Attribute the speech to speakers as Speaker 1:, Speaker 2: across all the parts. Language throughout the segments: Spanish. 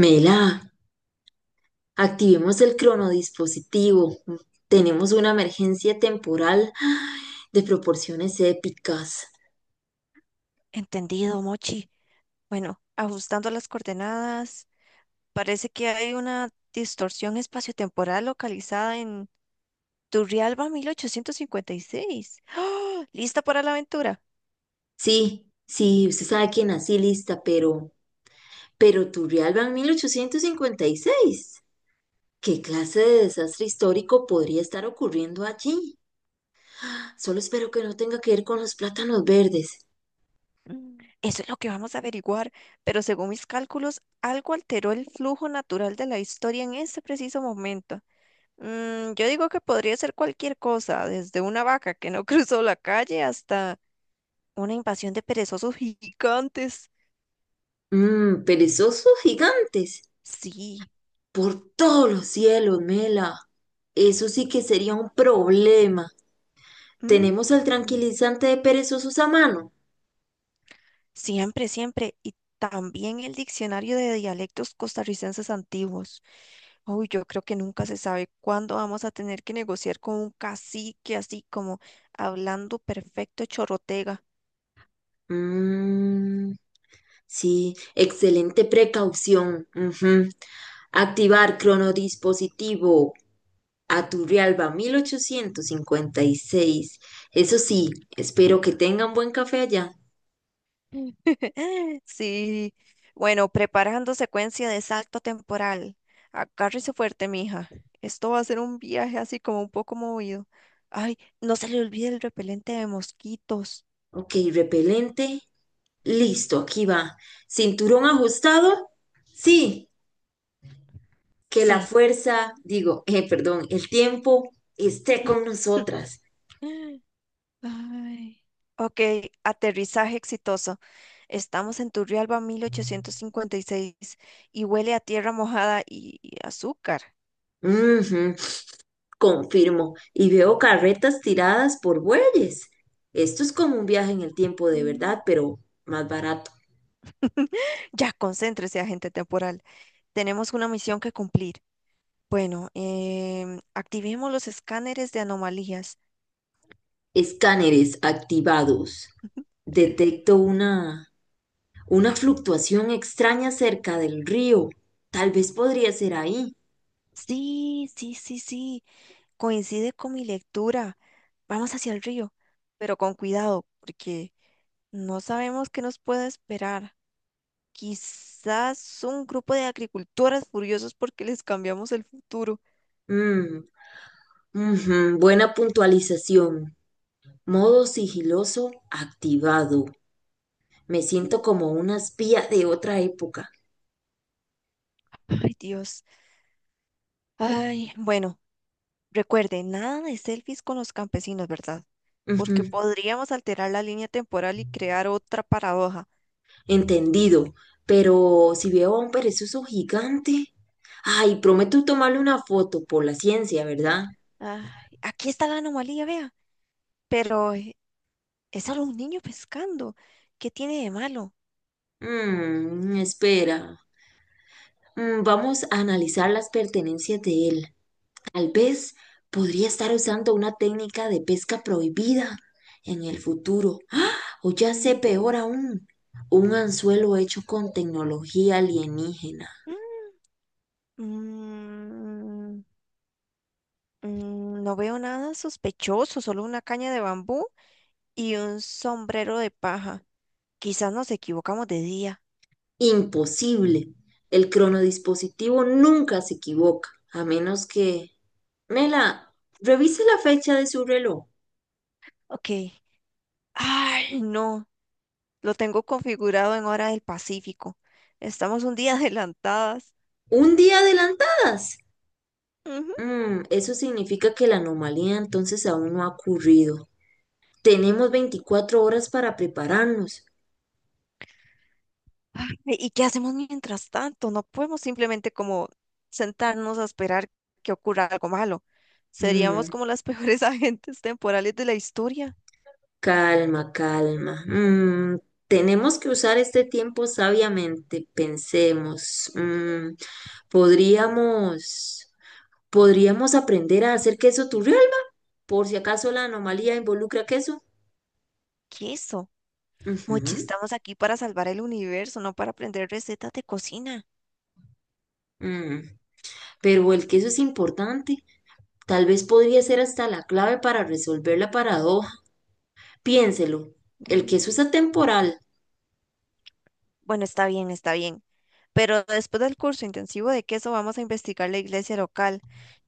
Speaker 1: Mela, activemos el cronodispositivo. Tenemos una emergencia temporal de proporciones épicas.
Speaker 2: Entendido, Mochi. Bueno, ajustando las coordenadas, parece que hay una distorsión espaciotemporal localizada en Turrialba 1856. ¡Ah! ¿Lista para la aventura?
Speaker 1: Sí, sí, usted sabe que nací lista, pero Turrialba en 1856. ¿Qué clase de desastre histórico podría estar ocurriendo allí? Solo espero que no tenga que ver con los plátanos verdes.
Speaker 2: Mm. Eso es lo que vamos a averiguar, pero según mis cálculos, algo alteró el flujo natural de la historia en ese preciso momento. Yo digo que podría ser cualquier cosa, desde una vaca que no cruzó la calle hasta una invasión de perezosos gigantes.
Speaker 1: Perezosos gigantes.
Speaker 2: Sí.
Speaker 1: Por todos los cielos, Mela. Eso sí que sería un problema.
Speaker 2: Mm,
Speaker 1: ¿Tenemos el
Speaker 2: mm.
Speaker 1: tranquilizante de perezosos a mano?
Speaker 2: Siempre, siempre. Y también el diccionario de dialectos costarricenses antiguos. Uy, yo creo que nunca se sabe cuándo vamos a tener que negociar con un cacique así como hablando perfecto chorrotega.
Speaker 1: Mm, sí, excelente precaución. Ujú. Activar cronodispositivo. Aturrialba 1856. Eso sí, espero que tengan buen café allá.
Speaker 2: Sí. Bueno, preparando secuencia de salto temporal. Agárrese fuerte, mija. Esto va a ser un viaje así como un poco movido. Ay, no se le olvide el repelente de mosquitos.
Speaker 1: Ok, repelente. Listo, aquí va. Cinturón ajustado. Sí, que la
Speaker 2: Sí.
Speaker 1: fuerza, digo, perdón, el tiempo esté con nosotras.
Speaker 2: Ay. Ok, aterrizaje exitoso. Estamos en Turrialba 1856 y seis y huele a tierra mojada y azúcar.
Speaker 1: Ujú. Confirmo, y veo carretas tiradas por bueyes. Esto es como un viaje en el tiempo de verdad,
Speaker 2: Mm.
Speaker 1: pero más barato.
Speaker 2: Ya, concéntrese, agente temporal. Tenemos una misión que cumplir. Bueno, activemos los escáneres de anomalías.
Speaker 1: Escáneres activados. Detecto una fluctuación extraña cerca del río. Tal vez podría ser ahí.
Speaker 2: Sí, sí, sí, sí. Coincide con mi lectura. Vamos hacia el río, pero con cuidado, porque no sabemos qué nos puede esperar. Quizás un grupo de agricultoras furiosos porque les cambiamos el futuro.
Speaker 1: Mm, ujú, buena puntualización. Modo sigiloso activado. Me siento
Speaker 2: Mm.
Speaker 1: como una espía de otra época.
Speaker 2: Ay, Dios. Ay, bueno, recuerde, nada de selfies con los campesinos, ¿verdad? Porque podríamos alterar la línea temporal y crear otra paradoja.
Speaker 1: Entendido, pero si veo a un perezoso gigante, ay, prometo tomarle una foto por la ciencia, ¿verdad?
Speaker 2: Ay, aquí está la anomalía, vea. Pero es solo un niño pescando. ¿Qué tiene de malo?
Speaker 1: Espera. Vamos a analizar las pertenencias de él. Tal vez podría estar usando una técnica de pesca prohibida en el futuro, o ya sé
Speaker 2: Ujú.
Speaker 1: peor aún, un anzuelo hecho con tecnología alienígena.
Speaker 2: Mm, no veo nada sospechoso, solo una caña de bambú y un sombrero de paja. Quizás nos equivocamos de día.
Speaker 1: Imposible. El cronodispositivo nunca se equivoca, a menos que... Mela, revise la fecha de su reloj.
Speaker 2: Ok. Ay, no. Lo tengo configurado en hora del Pacífico. Estamos un día adelantadas.
Speaker 1: Un día adelantadas.
Speaker 2: Ujú.
Speaker 1: Eso significa que la anomalía entonces aún no ha ocurrido. Tenemos 24 horas para prepararnos.
Speaker 2: Ay, ¿y qué hacemos mientras tanto? No podemos simplemente como sentarnos a esperar que ocurra algo malo. Seríamos
Speaker 1: Mm,
Speaker 2: como las peores agentes temporales de la historia.
Speaker 1: Calma, calma. Tenemos que usar este tiempo sabiamente. Pensemos. Podríamos, podríamos aprender a hacer queso turrial. Por si acaso la anomalía involucra queso.
Speaker 2: ¿Qué es eso? Mochi,
Speaker 1: Ujú,
Speaker 2: estamos aquí para salvar el universo, no para aprender recetas de cocina.
Speaker 1: mm. Pero el queso es importante. Tal vez podría ser hasta la clave para resolver la paradoja. Piénselo. El
Speaker 2: Mm.
Speaker 1: queso es atemporal.
Speaker 2: Bueno, está bien, está bien. Pero después del curso intensivo de queso vamos a investigar la iglesia local.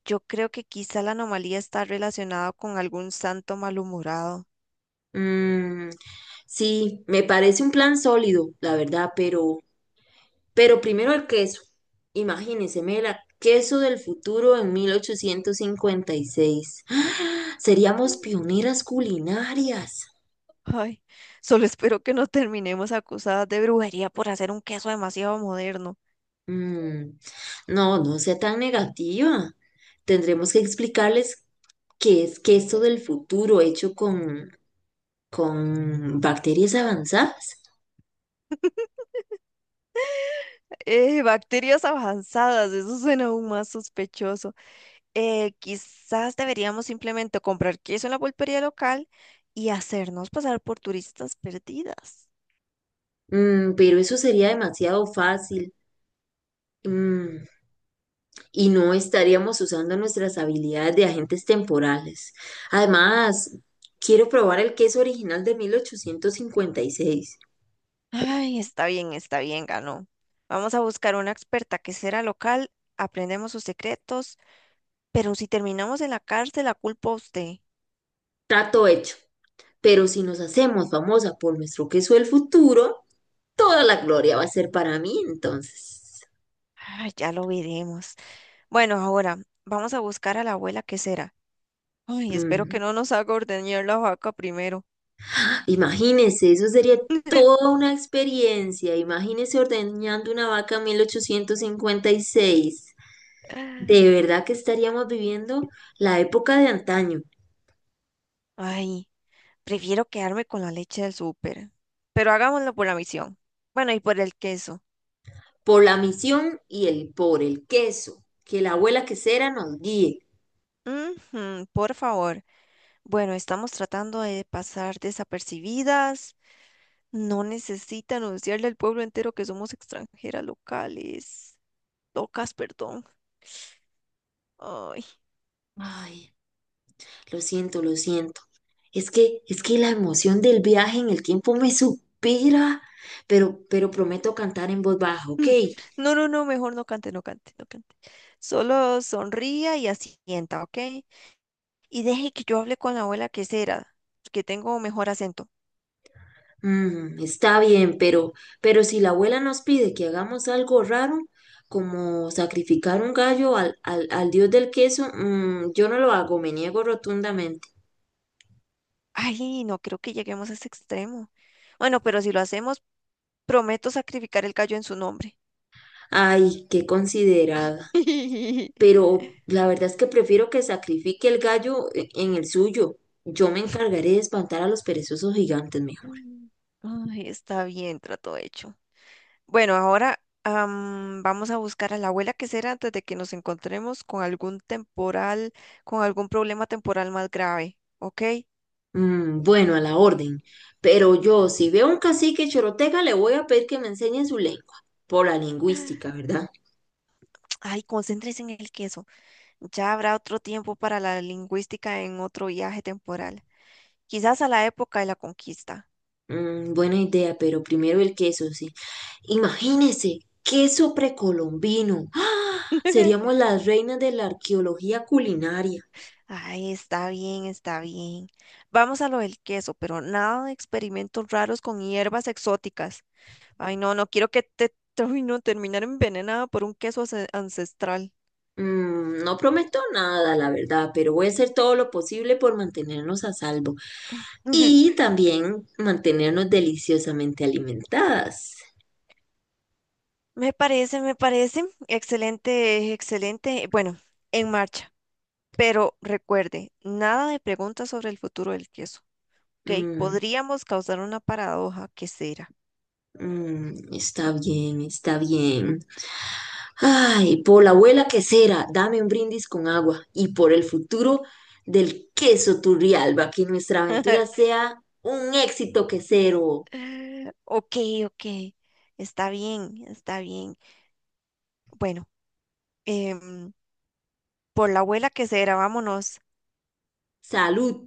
Speaker 2: Yo creo que quizá la anomalía está relacionada con algún santo malhumorado.
Speaker 1: Mm, sí, me parece un plan sólido, la verdad, pero, primero el queso. Imagínense, Mela, queso del futuro en 1856. ¡Ah! Seríamos pioneras culinarias.
Speaker 2: Mm. Ay, solo espero que no terminemos acusadas de brujería por hacer un queso demasiado moderno.
Speaker 1: Mm, no, no sea tan negativa. Tendremos que explicarles qué es que esto del futuro hecho con bacterias avanzadas.
Speaker 2: Bacterias avanzadas, eso suena aún más sospechoso. Quizás deberíamos simplemente comprar queso en la pulpería local y hacernos pasar por turistas perdidas.
Speaker 1: Pero eso sería demasiado fácil. Mm, y no estaríamos usando nuestras habilidades de agentes temporales. Además, quiero probar el queso original de 1856.
Speaker 2: Ay, está bien, ganó. Vamos a buscar una experta que será local, aprendemos sus secretos, pero si terminamos en la cárcel, la culpa a usted.
Speaker 1: Trato hecho. Pero si nos hacemos famosa por nuestro queso del futuro, toda la gloria va a ser para mí, entonces.
Speaker 2: Ay, ya lo veremos. Bueno, ahora vamos a buscar a la abuela que será. Ay, espero
Speaker 1: Mm.
Speaker 2: que no nos haga ordeñar la vaca primero.
Speaker 1: Imagínese, eso sería toda una experiencia. Imagínese ordeñando una vaca en 1856. De verdad que estaríamos viviendo la época de antaño,
Speaker 2: Ay, prefiero quedarme con la leche del súper. Pero hagámoslo por la misión. Bueno, y por el queso.
Speaker 1: por la misión y el por el queso. Que la abuela quesera nos guíe.
Speaker 2: Ujú, por favor. Bueno, estamos tratando de pasar desapercibidas. No necesita anunciarle al pueblo entero que somos extranjeras locales. Locas, perdón. Ay.
Speaker 1: Ay, lo siento, lo siento. Es que la emoción del viaje en el tiempo me supera, pero, prometo cantar en voz baja, ¿ok?
Speaker 2: Mm. No, no, no, mejor no cante, no cante, no cante. Solo sonría y asienta, ¿ok? Y deje que yo hable con la abuela que será, que tengo mejor acento.
Speaker 1: Mm, está bien, pero si la abuela nos pide que hagamos algo raro, como sacrificar un gallo al dios del queso, yo no lo hago, me niego rotundamente.
Speaker 2: Ay, no creo que lleguemos a ese extremo. Bueno, pero si lo hacemos, prometo sacrificar el gallo en su nombre.
Speaker 1: Ay, qué considerada. Pero la verdad es que prefiero que sacrifique el gallo en el suyo. Yo me encargaré de espantar a los perezosos gigantes, mejor.
Speaker 2: Ay, está bien, trato hecho. Bueno, ahora vamos a buscar a la abuela que será antes de que nos encontremos con algún problema temporal más grave, ¿ok?
Speaker 1: Mm, bueno, a la orden. Pero yo, si veo un cacique choroteca, le voy a pedir que me enseñe su lengua, por la lingüística, ¿verdad?
Speaker 2: Ay, concéntrese en el queso. Ya habrá otro tiempo para la lingüística en otro viaje temporal. Quizás a la época de la conquista.
Speaker 1: Buena idea, pero primero el queso, sí. Imagínese, queso precolombino. ¡Ah! Seríamos las reinas de la arqueología culinaria.
Speaker 2: Ay, está bien, está bien. Vamos a lo del queso, pero nada de experimentos raros con hierbas exóticas. Ay, no, no quiero que ay, no, terminar envenenada por un queso ancestral.
Speaker 1: No prometo nada, la verdad, pero voy a hacer todo lo posible por mantenernos a salvo
Speaker 2: Ujú.
Speaker 1: y también mantenernos deliciosamente alimentadas.
Speaker 2: Me parece, me parece. Excelente, excelente. Bueno, en marcha. Pero recuerde, nada de preguntas sobre el futuro del queso. Ok,
Speaker 1: Mm,
Speaker 2: podríamos causar una paradoja que será.
Speaker 1: mm, está bien, está bien. Ay, por la abuela quesera, dame un brindis con agua y por el futuro del queso Turrialba, que nuestra aventura sea un éxito quesero.
Speaker 2: Ok, ok. Está bien, está bien. Bueno, em, por la abuela que será, vámonos.
Speaker 1: Salud.